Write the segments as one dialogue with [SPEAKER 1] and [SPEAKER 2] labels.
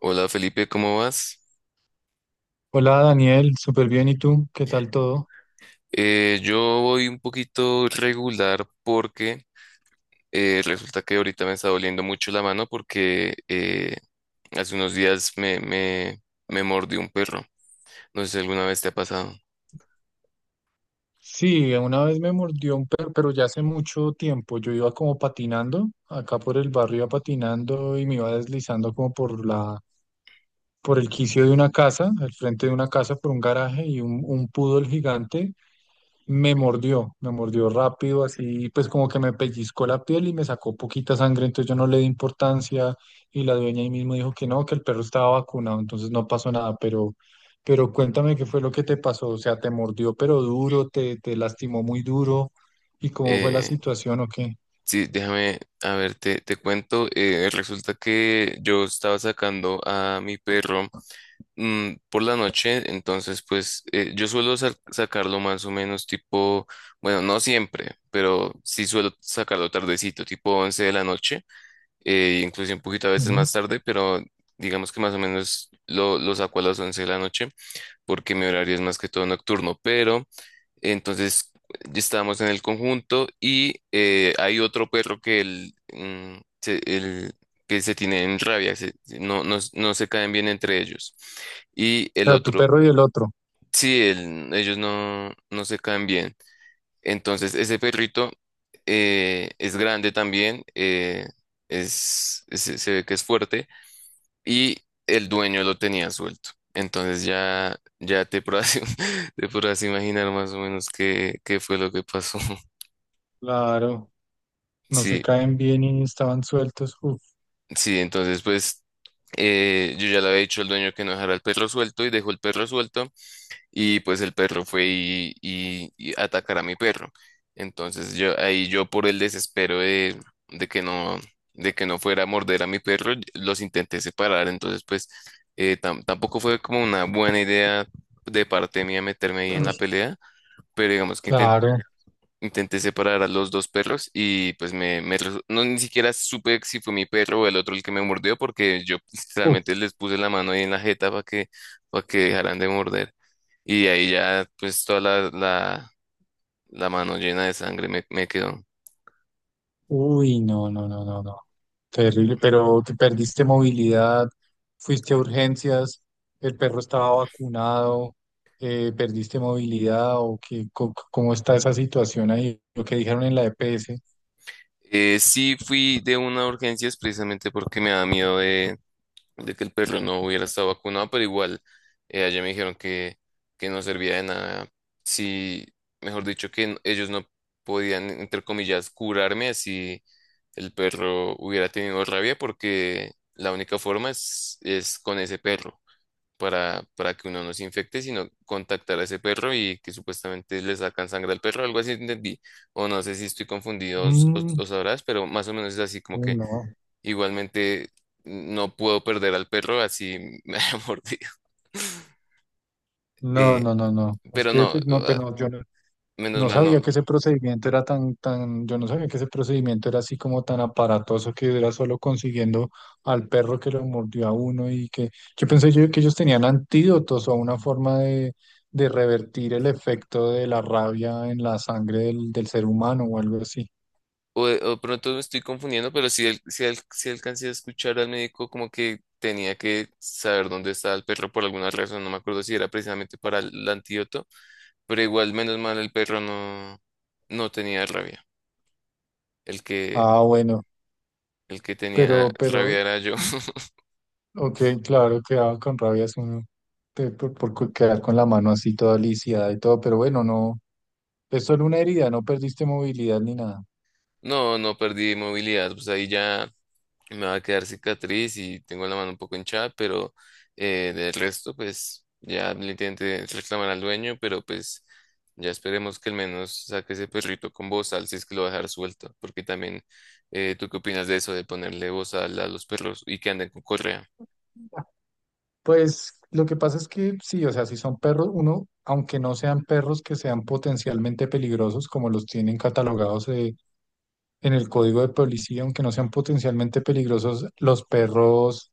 [SPEAKER 1] Hola Felipe, ¿cómo vas?
[SPEAKER 2] Hola Daniel, súper bien. ¿Y tú? ¿Qué tal todo?
[SPEAKER 1] Yo voy un poquito regular porque resulta que ahorita me está doliendo mucho la mano porque hace unos días me mordió un perro. No sé si alguna vez te ha pasado.
[SPEAKER 2] Sí, una vez me mordió un perro, pero ya hace mucho tiempo. Yo iba como patinando, acá por el barrio iba patinando y me iba deslizando como por por el quicio de una casa, al frente de una casa, por un garaje y un poodle gigante. Me mordió rápido, así pues como que me pellizcó la piel y me sacó poquita sangre, entonces yo no le di importancia y la dueña ahí mismo dijo que no, que el perro estaba vacunado, entonces no pasó nada, pero cuéntame qué fue lo que te pasó, o sea, te mordió pero duro, te lastimó muy duro y cómo fue la
[SPEAKER 1] Eh,
[SPEAKER 2] situación o qué.
[SPEAKER 1] sí, déjame, a ver, te cuento. Resulta que yo estaba sacando a mi perro. Por la noche, entonces pues yo suelo sacarlo más o menos tipo, bueno, no siempre, pero sí suelo sacarlo tardecito, tipo 11 de la noche, incluso un poquito a veces
[SPEAKER 2] Ujú.
[SPEAKER 1] más
[SPEAKER 2] O
[SPEAKER 1] tarde, pero digamos que más o menos lo saco a las 11 de la noche porque mi horario es más que todo nocturno, pero entonces ya estábamos en el conjunto y hay otro perro que él, mm, se, él- que se tiene en rabia, no, no, no se caen bien entre ellos. Y el
[SPEAKER 2] sea, tu
[SPEAKER 1] otro,
[SPEAKER 2] perro y el otro,
[SPEAKER 1] sí, ellos no, no se caen bien. Entonces ese perrito es grande también, se ve que es fuerte y el dueño lo tenía suelto. Entonces ya, ya te podrás, te podrás imaginar más o menos qué, qué fue lo que pasó.
[SPEAKER 2] claro, no se
[SPEAKER 1] Sí,
[SPEAKER 2] caen bien y estaban sueltos, uf,
[SPEAKER 1] sí, entonces pues yo ya le había dicho al dueño que no dejara el perro suelto y dejó el perro suelto. Y pues el perro fue y a atacar a mi perro. Entonces yo ahí yo por el desespero de, de que no de que no fuera a morder a mi perro, los intenté separar. Entonces pues tampoco fue como una buena idea de parte mía meterme ahí en la
[SPEAKER 2] ish,
[SPEAKER 1] pelea, pero digamos que
[SPEAKER 2] claro,
[SPEAKER 1] intenté separar a los dos perros y pues no ni siquiera supe si fue mi perro o el otro el que me mordió porque yo realmente
[SPEAKER 2] uf.
[SPEAKER 1] les puse la mano ahí en la jeta para que dejaran de morder. Y de ahí ya, pues toda la mano llena de sangre me quedó.
[SPEAKER 2] Uy, no, no, no, no, no. Terrible, pero te perdiste movilidad, fuiste a urgencias, el perro estaba vacunado, perdiste movilidad o qué, cómo está esa situación ahí, lo que dijeron en la EPS.
[SPEAKER 1] Sí fui de una urgencia es precisamente porque me da miedo de que el perro no hubiera estado vacunado, pero igual allá me dijeron que no servía de nada. Sí, mejor dicho, que ellos no podían, entre comillas, curarme si el perro hubiera tenido rabia, porque la única forma es con ese perro. Para que uno no se infecte, sino contactar a ese perro y que supuestamente le sacan sangre al perro, algo así entendí. O no sé si estoy confundido
[SPEAKER 2] Mm,
[SPEAKER 1] o sabrás, pero más o menos es así como
[SPEAKER 2] uy,
[SPEAKER 1] que
[SPEAKER 2] no,
[SPEAKER 1] igualmente no puedo perder al perro, así me ha mordido.
[SPEAKER 2] no,
[SPEAKER 1] Eh,
[SPEAKER 2] no, no, no. Es
[SPEAKER 1] pero
[SPEAKER 2] que
[SPEAKER 1] no,
[SPEAKER 2] pues, no,
[SPEAKER 1] ah,
[SPEAKER 2] pero no, yo no.
[SPEAKER 1] menos
[SPEAKER 2] No
[SPEAKER 1] mal no.
[SPEAKER 2] sabía que ese procedimiento era yo no sabía que ese procedimiento era así como tan aparatoso, que era solo consiguiendo al perro que lo mordió a uno. Y que yo pensé yo que ellos tenían antídotos o una forma de revertir el efecto de la rabia en la sangre del ser humano o algo así.
[SPEAKER 1] O pronto me estoy confundiendo, pero sí, sí, sí alcancé a escuchar al médico como que tenía que saber dónde estaba el perro por alguna razón, no me acuerdo si era precisamente para el antídoto, pero igual menos mal el perro no, no tenía rabia. El que,
[SPEAKER 2] Ah, bueno,
[SPEAKER 1] el que tenía
[SPEAKER 2] pero, pero,
[SPEAKER 1] rabia era yo.
[SPEAKER 2] y- ok, claro, quedaba con rabia es uno por, quedar con la mano así toda lisiada y todo, pero bueno, no, es solo una herida, no perdiste movilidad ni nada.
[SPEAKER 1] No, no perdí movilidad, pues ahí ya me va a quedar cicatriz y tengo la mano un poco hinchada, pero del resto, pues ya le intenté reclamar al dueño, pero pues ya esperemos que al menos saque ese perrito con bozal si es que lo va a dejar suelto, porque también, ¿tú qué opinas de eso, de ponerle bozal a los perros y que anden con correa?
[SPEAKER 2] Pues lo que pasa es que sí, o sea, si son perros, uno, aunque no sean perros que sean potencialmente peligrosos, como los tienen catalogados, en el código de policía, aunque no sean potencialmente peligrosos, los perros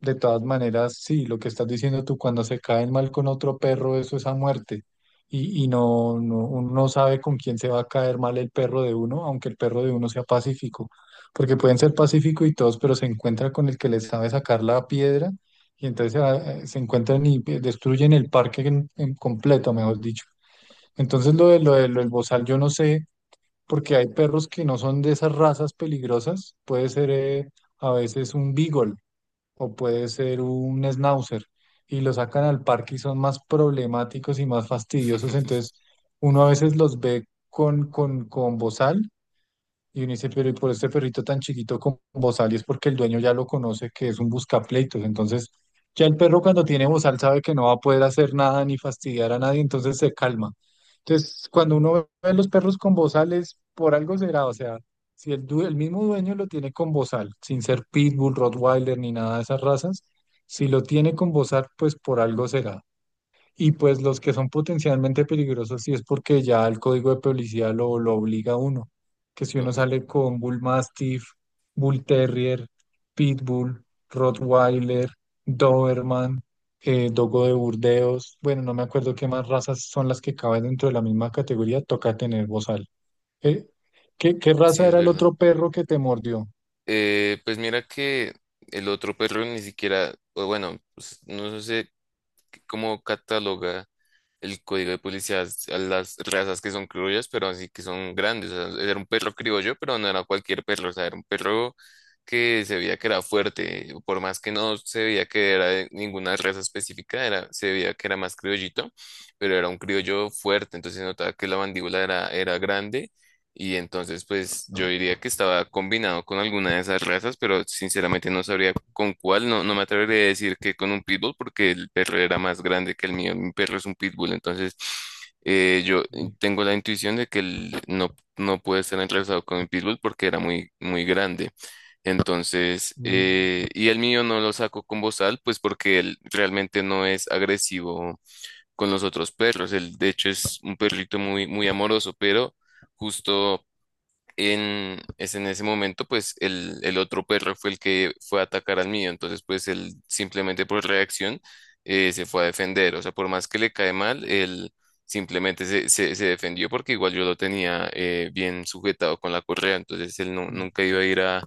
[SPEAKER 2] de todas maneras, sí, lo que estás diciendo tú, cuando se caen mal con otro perro, eso es a muerte. Y no, no, uno no sabe con quién se va a caer mal el perro de uno, aunque el perro de uno sea pacífico. Porque pueden ser pacíficos y todos, pero se encuentra con el que les sabe sacar la piedra y entonces se encuentran y destruyen el parque en completo, mejor dicho. Entonces, lo del bozal, yo no sé, porque hay perros que no son de esas razas peligrosas. Puede ser, a veces un beagle o puede ser un schnauzer, y lo sacan al parque y son más problemáticos y más fastidiosos. Entonces, uno a veces los ve con, con bozal y uno dice, pero ¿y por este perrito tan chiquito con bozal? Y es porque el dueño ya lo conoce, que es un buscapleitos. Entonces, ya el perro cuando tiene bozal sabe que no va a poder hacer nada ni fastidiar a nadie, entonces se calma. Entonces, cuando uno ve los perros con bozales, por algo será. O sea, si el mismo dueño lo tiene con bozal, sin ser Pitbull, Rottweiler ni nada de esas razas, si lo tiene con bozal, pues por algo será. Y pues los que son potencialmente peligrosos sí es porque ya el código de publicidad lo obliga a uno. Que si uno
[SPEAKER 1] Ok.
[SPEAKER 2] sale con Bull Mastiff, Bull Terrier, Pitbull, Rottweiler, Doberman, Dogo de Burdeos, bueno, no me acuerdo qué más razas son las que caben dentro de la misma categoría, toca tener bozal. Eh, qué
[SPEAKER 1] Sí,
[SPEAKER 2] raza
[SPEAKER 1] es
[SPEAKER 2] era el
[SPEAKER 1] verdad.
[SPEAKER 2] otro perro que te mordió?
[SPEAKER 1] Pues mira que el otro perro ni siquiera, o bueno, pues, no sé cómo cataloga el código de policías a las razas que son criollas, pero así que son grandes. O sea, era un perro criollo, pero no era cualquier perro, o sea, era un perro que se veía que era fuerte, por más que no se veía que era de ninguna raza específica, era, se veía que era más criollito, pero era un criollo fuerte, entonces se notaba que la mandíbula era, era grande y entonces, pues yo diría que estaba combinado con alguna de esas razas, pero sinceramente no sabría con cuál. No, no me atrevería a decir que con un pitbull, porque el perro era más grande que el mío. Mi perro es un pitbull, entonces yo
[SPEAKER 2] Sí.
[SPEAKER 1] tengo la intuición de que él no, no puede estar entrelazado con un pitbull porque era muy, muy grande. Entonces,
[SPEAKER 2] Mm,
[SPEAKER 1] y el mío no lo saco con bozal, pues porque él realmente no es agresivo con los otros perros. Él, de hecho, es un perrito muy, muy amoroso, pero justo es en ese momento, pues el otro perro fue el que fue a atacar al mío, entonces pues él simplemente por reacción se fue a defender, o sea, por más que le cae mal, él simplemente se defendió porque igual yo lo tenía bien sujetado con la correa, entonces él nunca iba a ir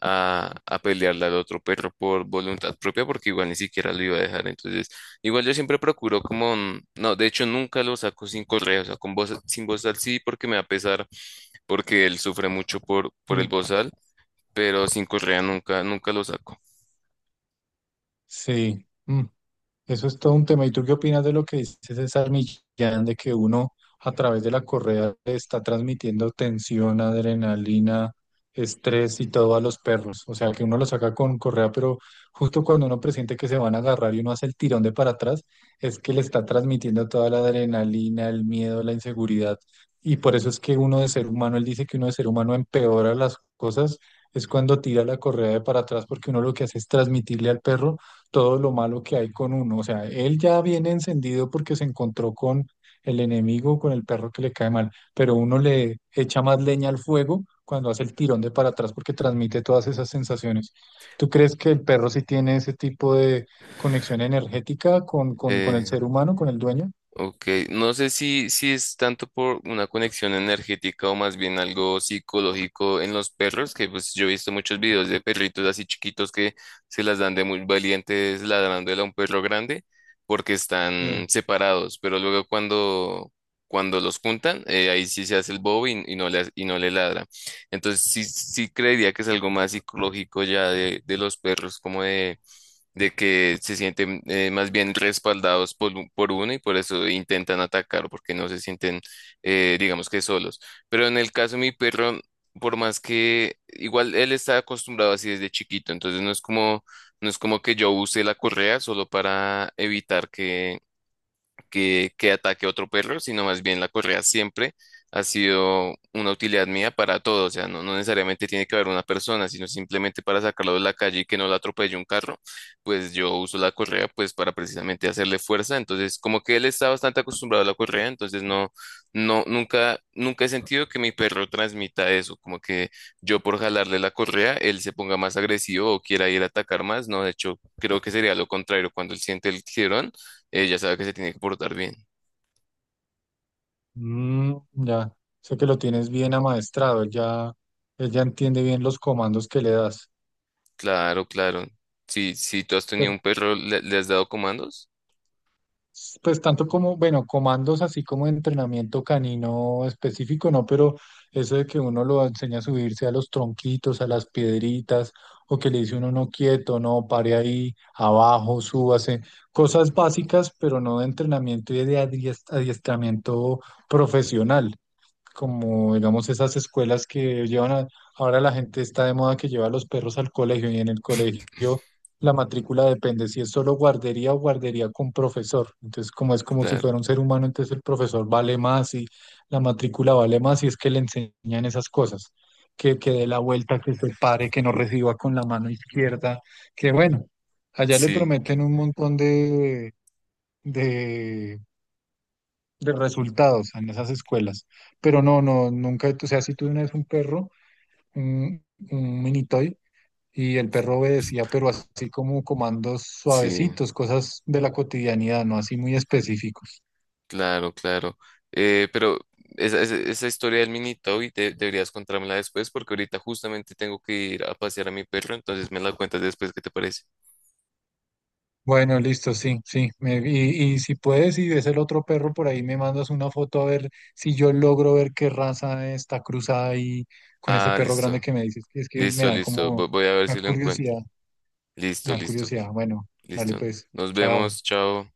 [SPEAKER 1] a pelearle al otro perro por voluntad propia porque igual ni siquiera lo iba a dejar, entonces igual yo siempre procuro como, mm, no, de hecho nunca lo saco sin correa, o sea, con voz, sin voz al sí porque me va a pesar porque él sufre mucho por el
[SPEAKER 2] sí.
[SPEAKER 1] bozal, pero sin Correa nunca, nunca lo saco.
[SPEAKER 2] Sí. Mm. Eso es todo un tema. ¿Y tú qué opinas de lo que dice César Millán, de que uno a través de la correa le está transmitiendo tensión, adrenalina, estrés y todo a los perros? O sea, que uno lo saca con correa, pero justo cuando uno presiente que se van a agarrar y uno hace el tirón de para atrás, es que le está transmitiendo toda la adrenalina, el miedo, la inseguridad. Y por eso es que uno de ser humano, él dice que uno de ser humano empeora las cosas, es cuando tira la correa de para atrás, porque uno lo que hace es transmitirle al perro todo lo malo que hay con uno. O sea, él ya viene encendido porque se encontró con el enemigo, con el perro que le cae mal, pero uno le echa más leña al fuego cuando hace el tirón de para atrás, porque transmite todas esas sensaciones. ¿Tú crees que el perro sí tiene ese tipo de conexión energética con, con el
[SPEAKER 1] Eh,
[SPEAKER 2] ser humano, con el dueño?
[SPEAKER 1] Ok, no sé si es tanto por una conexión energética o más bien algo psicológico en los perros, que pues yo he visto muchos videos de perritos así chiquitos que se las dan de muy valientes ladrándole a un perro grande porque están
[SPEAKER 2] Mm.
[SPEAKER 1] separados, pero luego cuando, cuando los juntan, ahí sí se hace el bobo y no le ladra. Entonces sí, sí creería que es algo más psicológico ya de los perros, como de que se sienten más bien respaldados por, por uno y por eso intentan atacar porque no se sienten, digamos que solos. Pero en el caso de mi perro, por más que igual él está acostumbrado así desde chiquito, entonces no es como, no es como que yo use la correa solo para evitar que que ataque a otro perro, sino más bien la correa siempre ha sido una utilidad mía para todo. O sea, no, no necesariamente tiene que haber una persona, sino simplemente para sacarlo de la calle y que no lo atropelle un carro, pues yo uso la correa pues para precisamente hacerle fuerza. Entonces, como que él está bastante acostumbrado a la correa, entonces no, no, nunca, nunca he sentido que mi perro transmita eso, como que yo por jalarle la correa, él se ponga más agresivo o quiera ir a atacar más. No, de hecho, creo que sería lo contrario. Cuando él siente el tirón, ella sabe que se tiene que portar bien.
[SPEAKER 2] Mm, ya, sé que lo tienes bien amaestrado, él ya entiende bien los comandos que le das.
[SPEAKER 1] Claro, claro. Si, si tú has tenido un perro, ¿le, le has dado comandos?
[SPEAKER 2] Pues tanto como, bueno, comandos así como de entrenamiento canino específico, no, pero eso de que uno lo enseña a subirse a los tronquitos, a las piedritas, o que le dice uno no quieto, no, pare ahí, abajo, súbase, cosas básicas, pero no de entrenamiento y de adiestramiento profesional, como digamos esas escuelas que llevan a, ahora la gente está de moda que lleva a los perros al colegio, y en el colegio la matrícula depende si es solo guardería o guardería con profesor. Entonces, como es como si
[SPEAKER 1] Claro.
[SPEAKER 2] fuera un ser humano, entonces el profesor vale más y la matrícula vale más y es que le enseñan esas cosas. Que dé la vuelta, que se pare, que no reciba con la mano izquierda, que bueno, allá le
[SPEAKER 1] Sí,
[SPEAKER 2] prometen un montón de de resultados en esas escuelas. Pero no, no, nunca, o sea, si tuve una vez un perro, un, un mini toy, y el perro obedecía, pero así como comandos
[SPEAKER 1] sí,
[SPEAKER 2] suavecitos, cosas de la cotidianidad, no así muy específicos.
[SPEAKER 1] claro, claro. Pero esa historia del mini Toby deberías contármela después porque ahorita justamente tengo que ir a pasear a mi perro, entonces me la cuentas después, ¿qué te parece?
[SPEAKER 2] Bueno, listo, sí, sí. Y, y si puedes, y ves el otro perro por ahí, me mandas una foto a ver si yo logro ver qué raza está cruzada ahí con ese
[SPEAKER 1] Ah,
[SPEAKER 2] perro grande
[SPEAKER 1] listo,
[SPEAKER 2] que me dices, que es que me
[SPEAKER 1] listo,
[SPEAKER 2] da
[SPEAKER 1] listo.
[SPEAKER 2] como
[SPEAKER 1] Voy a ver
[SPEAKER 2] una
[SPEAKER 1] si lo encuentro.
[SPEAKER 2] curiosidad,
[SPEAKER 1] Listo,
[SPEAKER 2] una
[SPEAKER 1] listo,
[SPEAKER 2] curiosidad.
[SPEAKER 1] Felipe.
[SPEAKER 2] Bueno, dale
[SPEAKER 1] Listo.
[SPEAKER 2] pues,
[SPEAKER 1] Nos
[SPEAKER 2] chao.
[SPEAKER 1] vemos, chao.